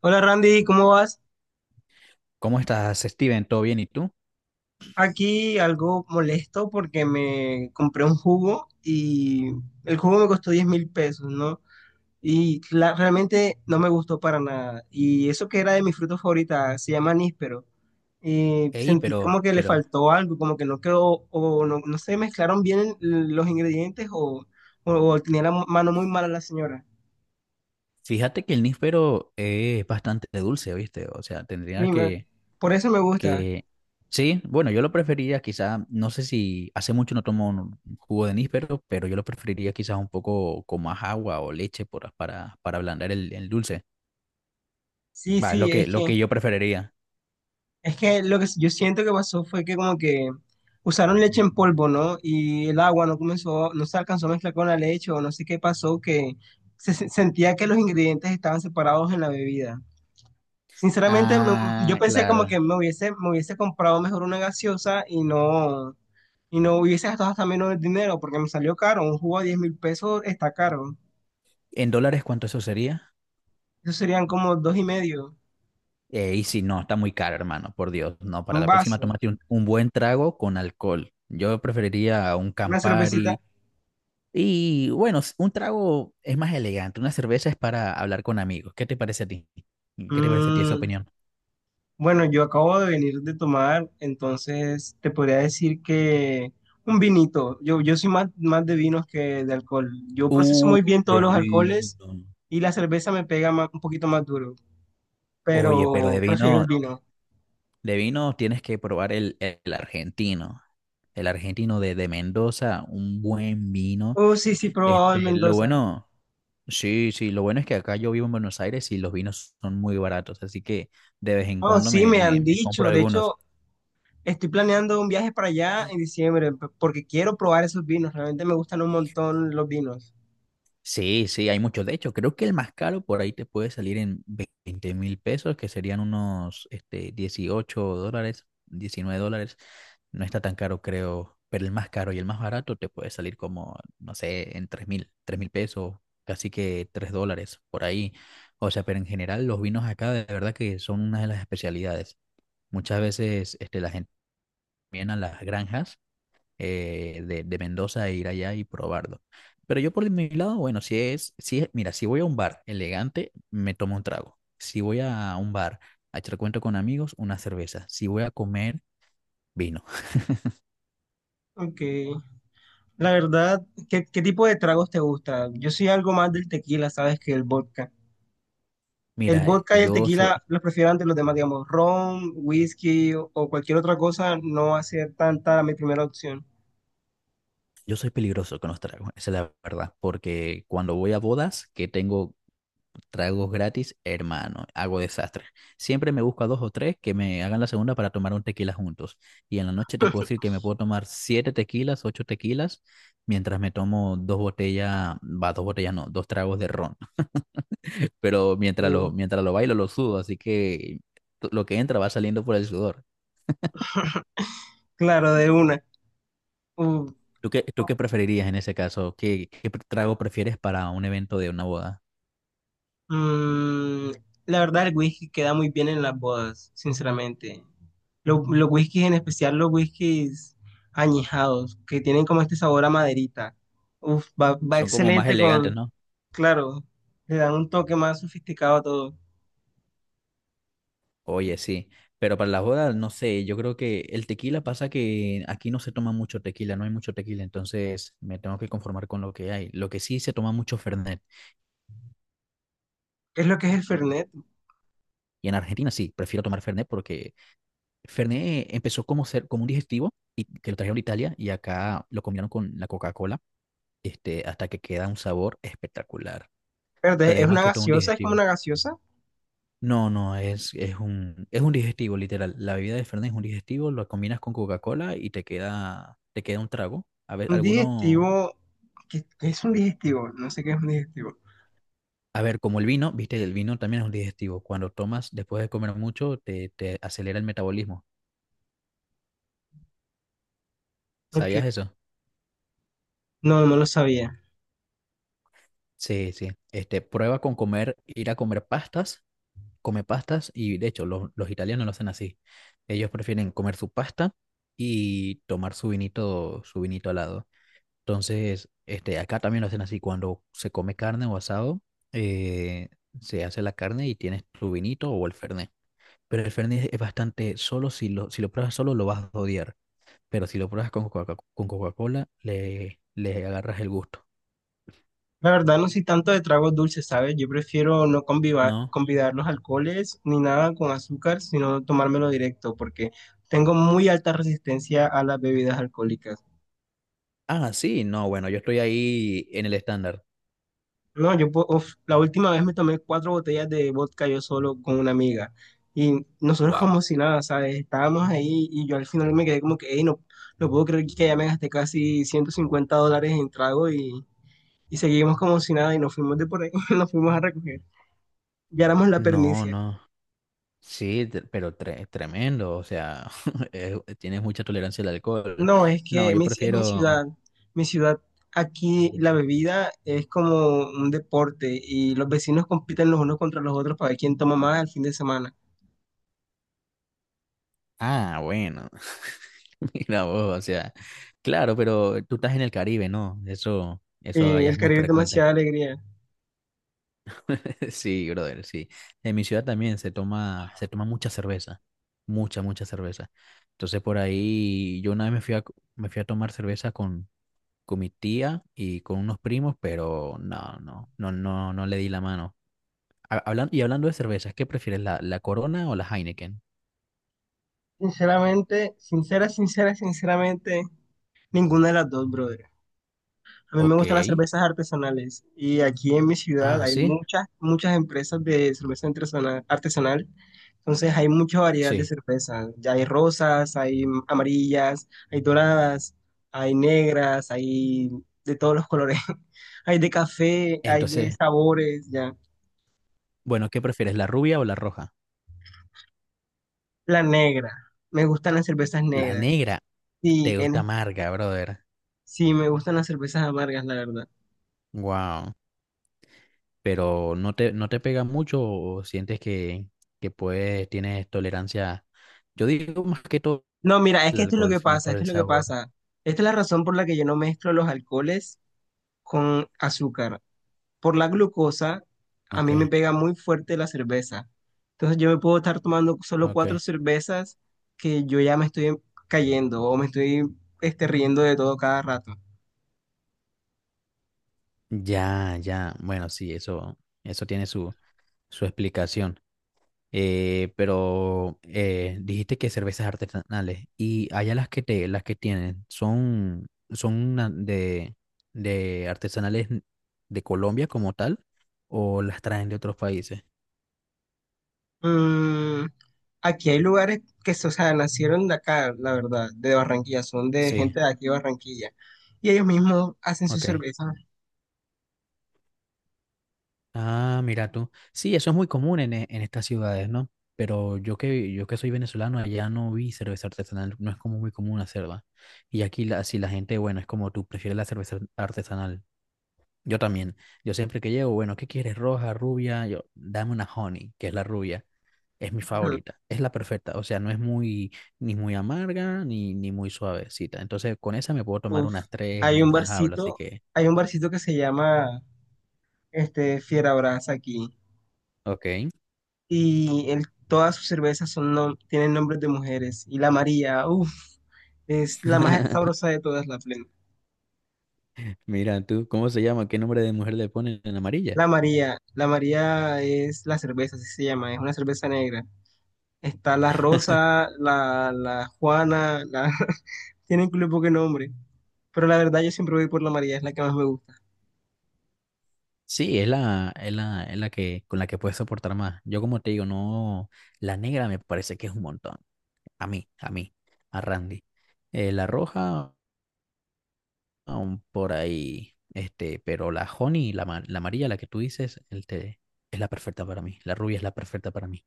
Hola Randy, ¿cómo vas? ¿Cómo estás, Steven? ¿Todo bien? ¿Y tú? Aquí algo molesto porque me compré un jugo y el jugo me costó 10.000 pesos, ¿no? Realmente no me gustó para nada. Y eso que era de mi fruta favorita, se llama níspero. Y Ey, sentí pero, como que le pero, faltó algo, como que no quedó, o no, no se mezclaron bien los ingredientes o tenía la mano muy mala la señora. fíjate que el níspero es bastante dulce, ¿viste? O sea, tendría Y me- que, por eso me gusta. que, sí, bueno, yo lo preferiría quizá, no sé si, hace mucho no tomo un jugo de níspero, pero yo lo preferiría quizás un poco con más agua o leche para ablandar el dulce. Sí, Va, es lo sí, que, es lo que... que yo preferiría. Es que lo que yo siento que pasó fue que como que usaron leche en polvo, ¿no? Y el agua no comenzó, no se alcanzó a mezclar con la leche o no sé qué pasó, que sentía que los ingredientes estaban separados en la bebida. Sinceramente, me- yo Ah, pensé como claro. que me hubiese comprado mejor una gaseosa y no hubiese gastado hasta menos dinero porque me salió caro. Un jugo a 10.000 pesos está caro. ¿En dólares cuánto eso sería? Eso serían como dos y medio, Y si no, está muy caro, hermano, por Dios. No, para un la próxima vaso, tómate un buen trago con alcohol. Yo preferiría un una cervecita. Campari. Y bueno, un trago es más elegante. Una cerveza es para hablar con amigos. ¿Qué te parece a ti? ¿Qué te parece a ti esa Mm, opinión? bueno, yo acabo de venir de tomar, entonces te podría decir que un vinito. Yo soy más de vinos que de alcohol. Yo proceso Uh, muy bien de todos los alcoholes vino. y la cerveza un poquito más duro, Oye, pero pero de prefiero el vino, vino. de vino tienes que probar el argentino. El argentino de Mendoza, un buen vino. Oh, sí, sí, he probado el Lo Mendoza. bueno. Sí, sí, lo bueno es que acá yo vivo en Buenos Aires y los vinos son muy baratos, así que de vez en Oh, cuando sí, me, me me, han me compro dicho. De algunos. hecho, estoy planeando un viaje para allá en porque quiero probar esos vinos. Realmente me gustan un montón los vinos. Sí, sí, hay muchos. De hecho, creo que el más caro por ahí te puede salir en 20.000 pesos, que serían unos 18 dólares, 19 dólares. No está tan caro, creo, pero el más caro y el más barato te puede salir como, no sé, en tres mil pesos, casi que 3 dólares por ahí. O sea, pero en general los vinos acá de verdad que son una de las especialidades. Muchas veces la gente también a las granjas de Mendoza e ir allá y probarlo. Pero yo por mi lado, bueno, mira, si voy a un bar elegante, me tomo un trago. Si voy a un bar a echar cuento con amigos, una cerveza. Si voy a comer, vino. Ok. La verdad, ¿qué, qué tipo de tragos te gusta? Yo soy algo más del tequila, ¿sabes? Que el vodka. El Mira, vodka y el tequila los prefiero ante los demás, digamos, ron, whisky o cualquier otra cosa, no va a ser tanta mi primera opción. yo soy peligroso con los tragos, esa es la verdad, porque cuando voy a bodas, que tengo tragos gratis, hermano, hago desastre. Siempre me busco a dos o tres que me hagan la segunda para tomar un tequila juntos. Y en la noche te puedo decir que me puedo tomar siete tequilas, ocho tequilas, mientras me tomo dos botellas, va, dos botellas no, dos tragos de ron. Pero mientras Uh, lo, mientras lo bailo, lo sudo, así que lo que entra va saliendo por el sudor. claro, de una. Uh, ¿Tú qué preferirías en ese caso? ¿Qué trago prefieres para un evento de una boda? mm, la verdad, el whisky queda muy bien en las bodas, sinceramente. Los whiskies, en especial los whiskies añejados, que tienen como este sabor a maderita. Uf, va, va Son como más excelente elegantes, con. ¿no? Claro, le dan un toque más sofisticado a todo. Oye, sí, pero para las bodas, no sé, yo creo que el tequila pasa que aquí no se toma mucho tequila, no hay mucho tequila, entonces me tengo que conformar con lo que hay. Lo que sí se toma mucho Fernet, Es lo que es el Fernet. y en Argentina sí, prefiero tomar Fernet porque Fernet empezó como un digestivo y que lo trajeron de Italia y acá lo combinaron con la Coca-Cola, hasta que queda un sabor espectacular, pero Espérate, es es más una que todo un gaseosa, es como digestivo. una gaseosa. No, no, es un digestivo, literal. La bebida de Fernet es un digestivo, lo combinas con Coca-Cola y te queda un trago. A ver, Un alguno, digestivo. ¿Qué, qué es un digestivo? No sé qué es un digestivo. a ver, como el vino, viste, el vino también es un digestivo. Cuando tomas después de comer mucho, te acelera el metabolismo. Porque ¿Sabías eso? no, no lo sabía. Sí, sí. Prueba con comer, ir a comer pastas, come pastas y de hecho los italianos lo hacen así. Ellos prefieren comer su pasta y tomar su vinito al lado. Entonces, acá también lo hacen así, cuando se come carne o asado, eh, se hace la carne y tienes tu vinito o el fernet. Pero el fernet es bastante solo, si lo pruebas solo lo vas a odiar, pero si lo pruebas con con Coca-Cola, le agarras el gusto, La verdad, no soy tanto de tragos dulces, ¿sabes? Yo prefiero no ¿no? convidar los alcoholes ni nada con azúcar, sino tomármelo directo, porque tengo muy alta resistencia a las bebidas alcohólicas. Ah, sí, no, bueno, yo estoy ahí en el estándar. No, uf, la última vez me tomé cuatro botellas de vodka yo solo con una amiga. Y nosotros Wow. como si nada, ¿sabes? Estábamos ahí y yo al final me quedé como que, "Ey, no, no puedo creer que ya me gasté casi 150 dólares en trago y seguimos como si nada y nos fuimos de por ahí, nos fuimos a recoger. Ya éramos la No, pernicia. no. Sí, pero tremendo, o sea, tienes mucha tolerancia al alcohol. No, es No, que yo mi prefiero... ciudad. Mi ciudad, aquí la bebida es como un deporte y los vecinos compiten los unos contra los otros para ver quién toma más el fin de semana. Ah, bueno. Mira vos, o sea, claro, pero tú estás en el Caribe, ¿no? Eso Y allá es el muy Caribe es frecuente. demasiada alegría. Sí, brother, sí. En mi ciudad también se toma mucha cerveza, mucha, mucha cerveza. Entonces por ahí yo una vez me fui a tomar cerveza con mi tía y con unos primos, pero no, no, no, no, no le di la mano. Y hablando de cervezas, ¿qué prefieres, la Corona o la Heineken? Sinceramente, ninguna de las dos, brother. A mí me Ok. gustan las cervezas artesanales y aquí en mi ciudad Ah, hay sí, muchas, muchas empresas de artesanal. Entonces hay mucha variedad de sí. cervezas. Ya hay rosas, hay amarillas, hay doradas, hay negras, hay de todos los colores. Hay de café, hay de Entonces, sabores, ya. bueno, ¿qué prefieres, la rubia o la roja? La negra. Me gustan las cervezas La negras. negra. Sí, Te gusta en, amarga, brother. sí, me gustan las cervezas amargas, la verdad. Wow. Pero no te pega mucho o sientes que puedes, tienes tolerancia. Yo digo más que todo No, mira, es el que esto es lo alcohol, que sino pasa, por esto el es lo que sabor. pasa. Esta es la razón por la que yo no mezclo los alcoholes con azúcar. Por la glucosa, a Ok, mí me pega muy fuerte la cerveza. Entonces yo me puedo estar tomando solo ok. cuatro cervezas que yo ya me estoy cayendo o me estoy riendo de todo cada rato. Ya, ya. Bueno, sí, eso tiene su explicación. Pero dijiste que cervezas artesanales y allá las que tienen son, de artesanales de Colombia como tal o las traen de otros países. Mm, Aquí hay lugares que, o sea, nacieron de acá, la verdad, de Barranquilla, son de Sí, gente de aquí de Barranquilla. Y ellos mismos hacen sus ok. cervezas. Ah, mira tú. Sí, eso es muy común en, en estas ciudades, ¿no? Pero yo que soy venezolano, allá no vi cerveza artesanal, no es como muy común hacerla. Y aquí la, si la gente, bueno, es como tú prefieres la cerveza artesanal. Yo también. Yo siempre que llego, bueno, ¿qué quieres? Roja, rubia. Yo, dame una honey, que es la rubia. Es mi favorita. Es la perfecta. O sea, no es muy, ni, muy amarga, ni muy suavecita. Entonces, con esa me puedo tomar Uf, unas tres hay un mientras hablo. Así barcito, que, hay un barcito que se llama este Fiera Brasa aquí ok. y todas sus cervezas son tienen nombres de mujeres y la María, uf, es la más sabrosa de todas, la plena. Mira tú, ¿cómo se llama? ¿Qué nombre de mujer le ponen en amarilla? La María es la cerveza, así se llama, es una cerveza negra. Está la Rosa, la, la Juana, la tienen un poco de nombre, pero la verdad yo siempre voy por la María, es la que más me gusta. Sí, es la que, con la que puedes soportar más. Yo, como te digo, no. La negra me parece que es un montón. A mí, a Randy. La roja. Aún por ahí. Pero la honey, la amarilla, la que tú dices, el té, es la perfecta para mí. La rubia es la perfecta para mí.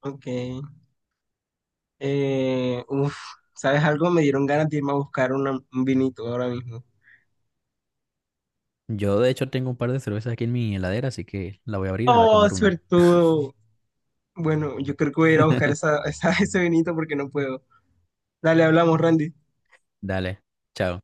Ok. Uf, ¿sabes algo? Me dieron ganas de irme a buscar un vinito ahora mismo. Yo, de hecho, tengo un par de cervezas aquí en mi heladera, así que la voy a abrir y me voy a Oh, tomar una. suertudo. Bueno, yo creo que voy a ir a buscar ese vinito porque no puedo. Dale, hablamos, Randy. Dale, chao.